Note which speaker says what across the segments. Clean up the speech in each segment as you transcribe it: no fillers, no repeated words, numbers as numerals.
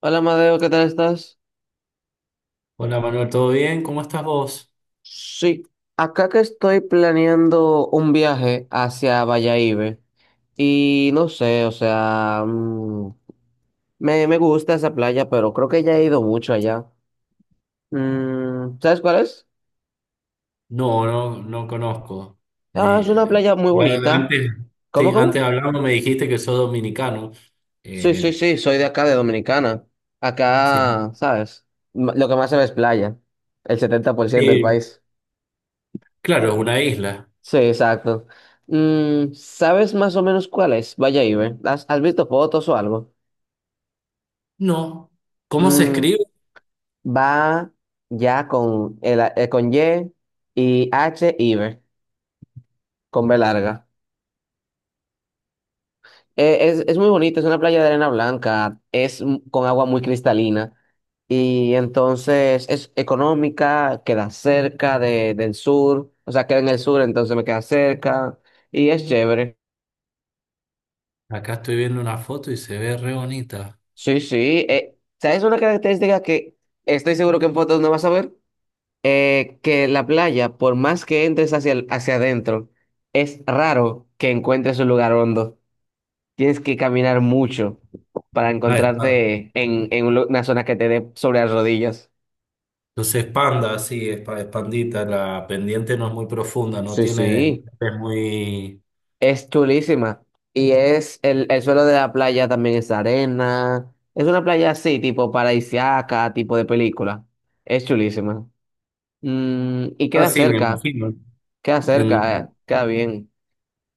Speaker 1: Hola Madeo, ¿qué tal estás?
Speaker 2: Hola Manuel, ¿todo bien? ¿Cómo estás vos?
Speaker 1: Sí, acá que estoy planeando un viaje hacia Bayahíbe y no sé, o sea, me gusta esa playa, pero creo que ya he ido mucho allá. ¿Sabes cuál es?
Speaker 2: No, no, no conozco.
Speaker 1: Ah, es
Speaker 2: Me-
Speaker 1: una playa muy
Speaker 2: eh,
Speaker 1: bonita.
Speaker 2: antes,
Speaker 1: ¿Cómo,
Speaker 2: sí,
Speaker 1: cómo?
Speaker 2: antes hablando me dijiste que sos dominicano.
Speaker 1: Sí, sí,
Speaker 2: Eh,
Speaker 1: sí, soy de acá, de Dominicana.
Speaker 2: sí.
Speaker 1: Acá, ¿sabes? Lo que más se ve es playa, el 70% del
Speaker 2: Sí,
Speaker 1: país.
Speaker 2: claro, es una isla.
Speaker 1: Sí, exacto. ¿Sabes más o menos cuál es? Vaya Ibe. ¿Has visto fotos o algo?
Speaker 2: No. ¿Cómo se
Speaker 1: Mm,
Speaker 2: escribe?
Speaker 1: Va ya con Y y H Ibe, con B larga. Es muy bonito, es una playa de arena blanca, es con agua muy cristalina. Y entonces es económica, queda cerca del sur, o sea, queda en el sur, entonces me queda cerca. Y es chévere.
Speaker 2: Acá estoy viendo una foto y se ve re bonita.
Speaker 1: Sí, sí. ¿Sabes una característica que estoy seguro que en fotos no vas a ver? Que la playa, por más que entres hacia adentro, es raro que encuentres un lugar hondo. Tienes que caminar mucho para
Speaker 2: Ah, es pa-
Speaker 1: encontrarte en una zona que te dé sobre las rodillas.
Speaker 2: Entonces es panda, sí, es pandita. La pendiente no es muy profunda, no
Speaker 1: Sí,
Speaker 2: tiene,
Speaker 1: sí.
Speaker 2: es muy...
Speaker 1: Es chulísima. Y es el suelo de la playa también es arena. Es una playa así, tipo paradisíaca, tipo de película. Es chulísima. Y
Speaker 2: Ah,
Speaker 1: queda
Speaker 2: sí, me
Speaker 1: cerca.
Speaker 2: imagino.
Speaker 1: Queda cerca, queda bien.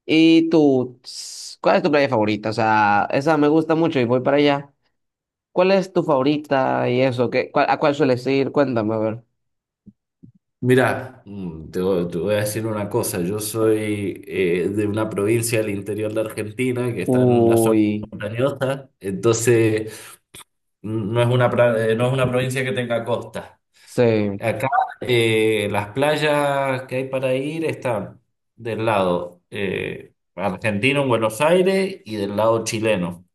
Speaker 1: ¿Y tú, cuál es tu playa favorita? O sea, esa me gusta mucho y voy para allá. ¿Cuál es tu favorita y eso? ¿A cuál sueles ir? Cuéntame, a ver.
Speaker 2: Mira, te voy a decir una cosa. Yo soy de una provincia del interior de Argentina que está en una zona
Speaker 1: Uy,
Speaker 2: montañosa, entonces no es una provincia que tenga costa.
Speaker 1: sí.
Speaker 2: Acá las playas que hay para ir están del lado argentino en Buenos Aires y del lado chileno.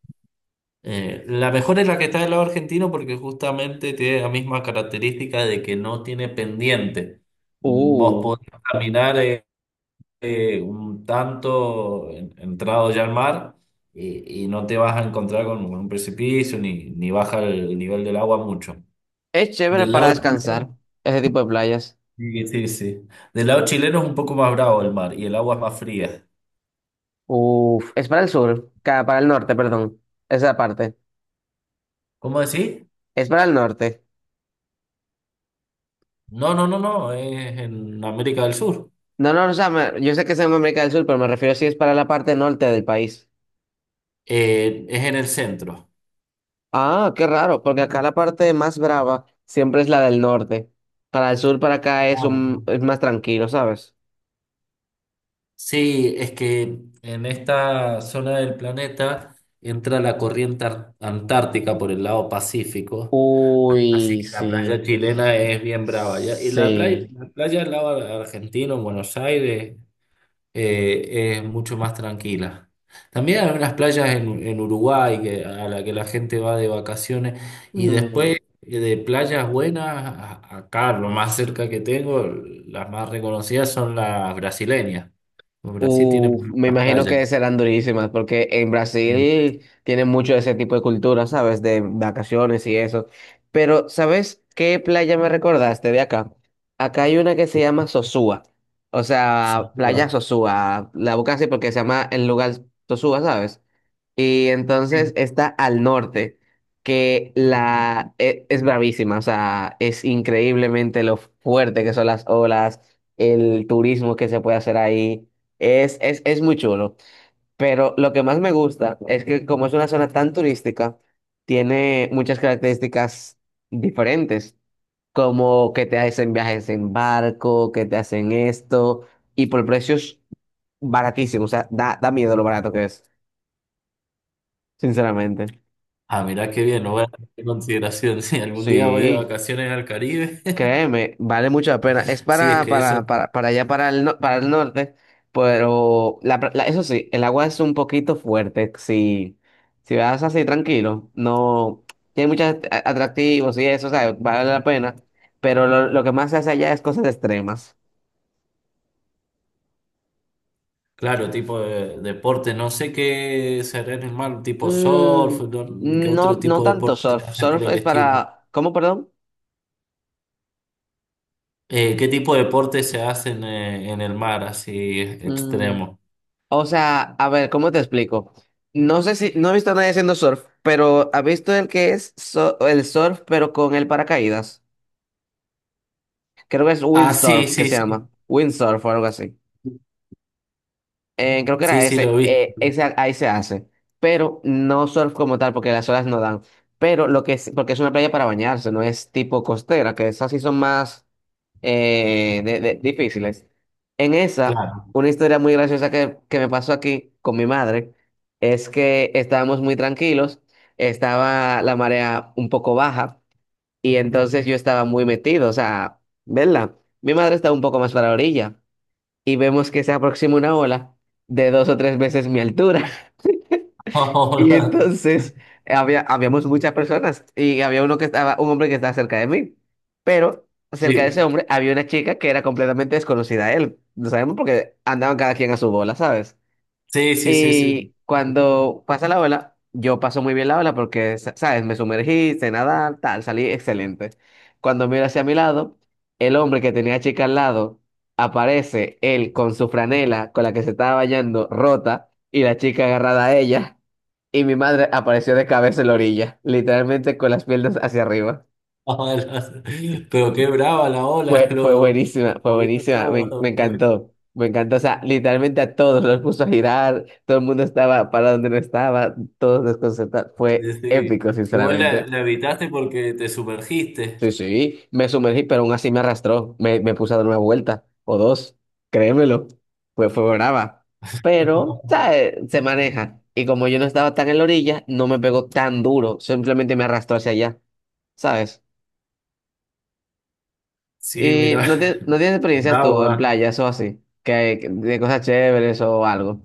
Speaker 2: La mejor es la que está del lado argentino porque justamente tiene la misma característica de que no tiene pendiente. Vos
Speaker 1: Uh,
Speaker 2: podés caminar un tanto entrado ya al mar y, no te vas a encontrar con un precipicio ni, ni baja el nivel del agua mucho.
Speaker 1: es chévere
Speaker 2: Del
Speaker 1: para
Speaker 2: lado Claro.
Speaker 1: descansar, ese tipo de playas.
Speaker 2: chileno, sí, sí, sí. Del lado chileno es un poco más bravo el mar y el agua es más fría.
Speaker 1: Uf, es para el sur, para el norte, perdón. Esa parte.
Speaker 2: ¿Cómo decís?
Speaker 1: Es para el norte.
Speaker 2: No, no, no, no, es en América del Sur.
Speaker 1: No, no, o sea, yo sé que es en América del Sur, pero me refiero si es para la parte norte del país.
Speaker 2: Es en el centro.
Speaker 1: Ah, qué raro, porque acá la parte más brava siempre es la del norte. Para el sur, para acá es
Speaker 2: Ah, no,
Speaker 1: un,
Speaker 2: no.
Speaker 1: es más tranquilo, ¿sabes?
Speaker 2: Sí, es que en esta zona del planeta entra la corriente antártica por el lado Pacífico, así
Speaker 1: Uy,
Speaker 2: que la playa
Speaker 1: sí.
Speaker 2: chilena es bien brava. Y
Speaker 1: Sí.
Speaker 2: la playa del lado argentino, en Buenos Aires, es mucho más tranquila. También hay unas playas en Uruguay a la que la gente va de vacaciones y
Speaker 1: Mm.
Speaker 2: después de playas buenas, acá lo más cerca que tengo, las más reconocidas son las brasileñas. Brasil tiene
Speaker 1: Uf, me
Speaker 2: muchas
Speaker 1: imagino
Speaker 2: playas.
Speaker 1: que serán durísimas, porque en
Speaker 2: Sí.
Speaker 1: Brasil tienen mucho de ese tipo de cultura, ¿sabes? De vacaciones y eso. Pero, ¿sabes qué playa me recordaste de acá? Acá hay una que se llama Sosúa. O sea,
Speaker 2: Sucura.
Speaker 1: playa Sosúa. La buscas así porque se llama el lugar Sosúa, ¿sabes? Y entonces
Speaker 2: Sí.
Speaker 1: está al norte, que es bravísima, o sea, es increíblemente lo fuerte que son las olas, el turismo que se puede hacer ahí, es muy chulo. Pero lo que más me gusta es que como es una zona tan turística, tiene muchas características diferentes, como que te hacen viajes en barco, que te hacen esto, y por precios baratísimos, o sea, da miedo lo barato que es, sinceramente.
Speaker 2: Ah, mirá qué bien, lo voy a tener en consideración. Si algún día voy de
Speaker 1: Sí,
Speaker 2: vacaciones al Caribe,
Speaker 1: créeme, vale mucho la pena. Es
Speaker 2: sí, es
Speaker 1: para,
Speaker 2: que eso.
Speaker 1: para, para, para allá, para el, no- para el norte, pero eso sí, el agua es un poquito fuerte. Si, si vas así tranquilo, no tiene muchos atractivos y eso, o sea, vale la pena, pero lo que más se hace allá es cosas extremas.
Speaker 2: Claro, tipo de deporte, no sé qué será en el mar, tipo
Speaker 1: Mm,
Speaker 2: surf, qué otro
Speaker 1: no, no
Speaker 2: tipo de
Speaker 1: tanto
Speaker 2: deporte se
Speaker 1: surf.
Speaker 2: hace por
Speaker 1: Surf
Speaker 2: el
Speaker 1: es
Speaker 2: estilo.
Speaker 1: para, ¿cómo, perdón?
Speaker 2: ¿Qué tipo de deporte se hacen en el mar, así
Speaker 1: Mm,
Speaker 2: extremo?
Speaker 1: O sea, a ver, ¿cómo te explico? No sé si, no he visto a nadie haciendo surf, pero ¿has visto el que es el surf, pero con el paracaídas? Creo que es
Speaker 2: Ah, sí,
Speaker 1: windsurf, que
Speaker 2: sí,
Speaker 1: se llama.
Speaker 2: sí.
Speaker 1: Windsurf o algo así. Creo que
Speaker 2: Sí,
Speaker 1: era
Speaker 2: sí, lo
Speaker 1: ese.
Speaker 2: vi.
Speaker 1: Ese. Ahí se hace. Pero no surf como tal, porque las olas no dan. Pero lo que es, porque es una playa para bañarse, no es tipo costera, que esas sí son más. Difíciles. En esa,
Speaker 2: Claro.
Speaker 1: una historia muy graciosa que me pasó aquí con mi madre es que estábamos muy tranquilos, estaba la marea un poco baja y entonces yo estaba muy metido, o sea, ¿verdad? Mi madre estaba un poco más para la orilla y vemos que se aproxima una ola de dos o tres veces mi altura. Y entonces había, habíamos muchas personas y había uno que estaba, un hombre que estaba cerca de mí, pero cerca de ese
Speaker 2: Sí,
Speaker 1: hombre había una chica que era completamente desconocida a él. No sabemos porque andaban cada quien a su bola, ¿sabes?
Speaker 2: sí, sí, sí, sí.
Speaker 1: Y cuando pasa la ola, yo paso muy bien la ola porque, ¿sabes? Me sumergí, sé nadar, tal, salí excelente. Cuando miro hacia mi lado, el hombre que tenía a chica al lado, aparece él con su franela con la que se estaba bañando rota y la chica agarrada a ella. Y mi madre apareció de cabeza en la orilla, literalmente con las piernas hacia arriba.
Speaker 2: Ola. Pero qué brava la ola,
Speaker 1: Fue buenísima,
Speaker 2: lo
Speaker 1: fue
Speaker 2: movió
Speaker 1: buenísima, me,
Speaker 2: todo.
Speaker 1: me encantó, me encantó, o sea, literalmente a todos los puso a girar, todo el mundo estaba para donde no estaba, todos desconcertados, fue
Speaker 2: Sí.
Speaker 1: épico,
Speaker 2: Igual
Speaker 1: sinceramente.
Speaker 2: la, la evitaste porque te sumergiste.
Speaker 1: Sí, sí, me sumergí, pero aún así me arrastró, me puse a dar una vuelta o dos, créemelo, pues fue brava, pero, ¿sabes? Se maneja, y como yo no estaba tan en la orilla, no me pegó tan duro, simplemente me arrastró hacia allá, ¿sabes?
Speaker 2: Sí,
Speaker 1: Y
Speaker 2: mira,
Speaker 1: no, no tienes experiencias tú
Speaker 2: bravo,
Speaker 1: en
Speaker 2: ah.
Speaker 1: playas o así, de cosas chéveres o algo.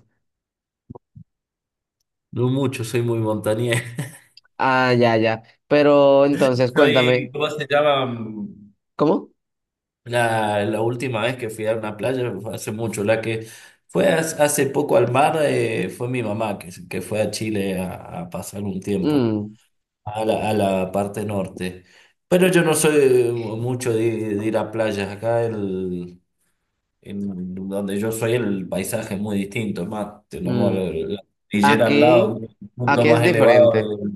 Speaker 2: No mucho, soy muy montañés.
Speaker 1: Ah, ya, ya. Pero entonces,
Speaker 2: Soy,
Speaker 1: cuéntame,
Speaker 2: ¿cómo se llama?
Speaker 1: ¿cómo?
Speaker 2: La, la última vez que fui a una playa fue hace mucho, la que fue hace poco al mar, fue mi mamá, que, que fue a Chile a pasar un tiempo,
Speaker 1: Mm,
Speaker 2: a la parte norte. Pero yo no soy mucho de ir a playas, acá el, en donde yo soy el paisaje es muy distinto, es más, tenemos
Speaker 1: mm.
Speaker 2: la cordillera al lado,
Speaker 1: Aquí,
Speaker 2: un punto
Speaker 1: aquí es
Speaker 2: más
Speaker 1: diferente.
Speaker 2: elevado. de-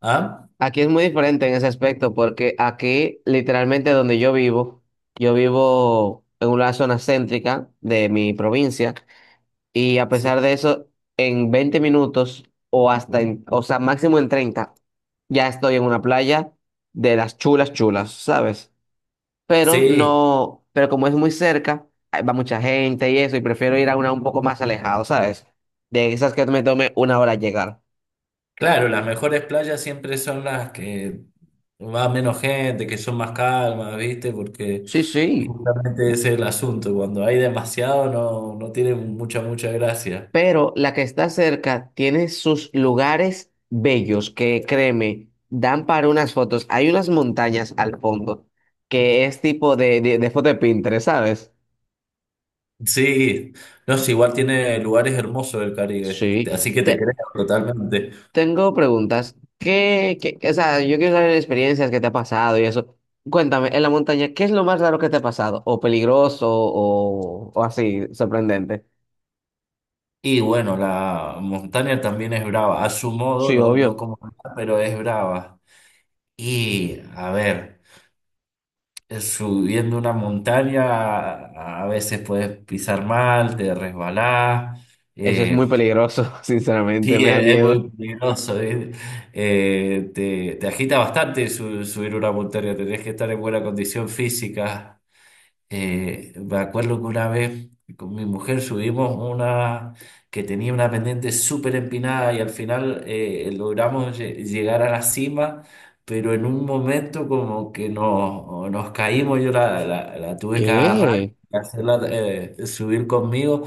Speaker 2: ¿Ah?
Speaker 1: Aquí es muy diferente en ese aspecto, porque aquí, literalmente yo vivo en una zona céntrica de mi provincia. Y a
Speaker 2: Sí.
Speaker 1: pesar de eso, en 20 minutos o hasta máximo en 30 ya estoy en una playa de las chulas chulas, ¿sabes? Pero
Speaker 2: Sí,
Speaker 1: no, pero como es muy cerca, ahí va mucha gente y eso, y prefiero ir a una un poco más alejado, ¿sabes? De esas que me tome una hora llegar.
Speaker 2: claro, las mejores playas siempre son las que va menos gente, que son más calmas, ¿viste? Porque
Speaker 1: Sí, sí.
Speaker 2: justamente ese es el asunto, cuando hay demasiado no, no tiene mucha, mucha gracia.
Speaker 1: Pero la que está cerca tiene sus lugares bellos que, créeme, dan para unas fotos. Hay unas montañas al fondo que es tipo de foto de Pinterest, ¿sabes?
Speaker 2: Sí, no, sí, igual tiene lugares hermosos el Caribe,
Speaker 1: Sí.
Speaker 2: así que te creo totalmente.
Speaker 1: Tengo preguntas. O sea, yo quiero saber experiencias que te ha pasado y eso. Cuéntame, en la montaña, ¿qué es lo más raro que te ha pasado? ¿O peligroso o así, sorprendente?
Speaker 2: Y bueno, la montaña también es brava, a su modo,
Speaker 1: Sí,
Speaker 2: no, no
Speaker 1: obvio.
Speaker 2: como nada, pero es brava. Y a ver, subiendo una montaña a veces puedes pisar mal, te resbalás.
Speaker 1: Eso es muy
Speaker 2: eh,
Speaker 1: peligroso, sinceramente,
Speaker 2: sí,
Speaker 1: me da
Speaker 2: es muy
Speaker 1: miedo.
Speaker 2: peligroso, ¿eh? Te, te agita bastante subir una montaña, tenés que estar en buena condición física. Me acuerdo que una vez con mi mujer subimos una que tenía una pendiente súper empinada y al final logramos llegar a la cima, pero en un momento como que nos, nos caímos, yo la, la tuve que agarrar
Speaker 1: ¿Qué?
Speaker 2: y hacerla subir conmigo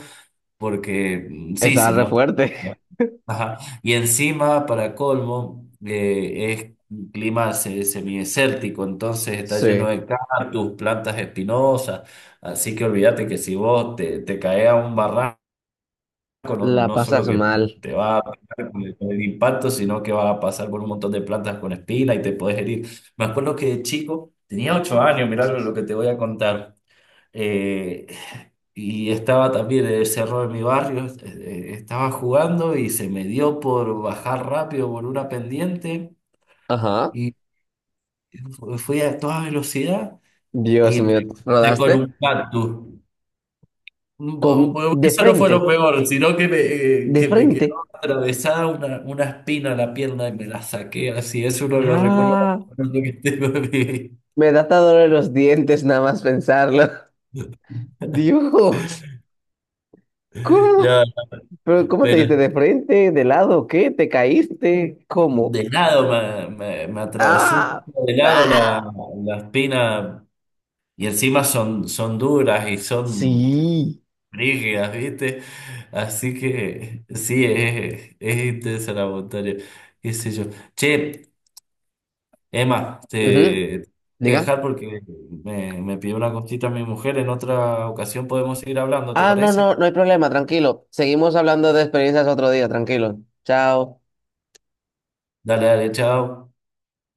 Speaker 2: porque sí,
Speaker 1: Estaba
Speaker 2: si
Speaker 1: re
Speaker 2: no...
Speaker 1: fuerte.
Speaker 2: Ajá. Y encima, para colmo, es un clima semidesértico, entonces está lleno
Speaker 1: Sí.
Speaker 2: de cactus, plantas espinosas, así que olvídate que si vos te, te caes a un barranco, no,
Speaker 1: La
Speaker 2: no solo
Speaker 1: pasas
Speaker 2: que
Speaker 1: mal.
Speaker 2: te va a pegar con el impacto, sino que vas a pasar por un montón de plantas con espina y te podés herir. Me acuerdo que de chico, tenía 8 años, mirá
Speaker 1: Así
Speaker 2: lo
Speaker 1: es.
Speaker 2: que te voy a contar. Eh, y estaba también en el cerro de mi barrio, estaba jugando y se me dio por bajar rápido por una pendiente
Speaker 1: Ajá.
Speaker 2: y fui a toda velocidad
Speaker 1: Dios
Speaker 2: y me
Speaker 1: mío,
Speaker 2: encontré con
Speaker 1: ¿rodaste?
Speaker 2: un cactus.
Speaker 1: De
Speaker 2: Eso no fue
Speaker 1: frente,
Speaker 2: lo peor, sino
Speaker 1: de
Speaker 2: que me
Speaker 1: frente.
Speaker 2: quedó atravesada una espina en la pierna y me la saqué así. Es uno de los recuerdos
Speaker 1: Ah,
Speaker 2: más bonitos que tengo de mi vida.
Speaker 1: me da hasta dolor en los dientes nada más pensarlo. Dios,
Speaker 2: Ya,
Speaker 1: ¿cómo? ¿Pero cómo te
Speaker 2: pero
Speaker 1: diste de frente, de lado, qué? ¿Te caíste? ¿Cómo?
Speaker 2: de lado me, me atravesó un
Speaker 1: Ah,
Speaker 2: poco de lado la,
Speaker 1: ah.
Speaker 2: la espina y encima son, son duras y son
Speaker 1: Sí.
Speaker 2: rígidas, ¿viste? Así que sí, es intensa la montaña, qué sé yo. Che, Emma,
Speaker 1: Ujú.
Speaker 2: te tengo que
Speaker 1: Diga.
Speaker 2: dejar porque me pidió una cosita mi mujer, en otra ocasión podemos seguir hablando, ¿te
Speaker 1: Ah, no,
Speaker 2: parece?
Speaker 1: no, no hay problema, tranquilo. Seguimos hablando de experiencias otro día, tranquilo. Chao.
Speaker 2: Dale, dale, chao.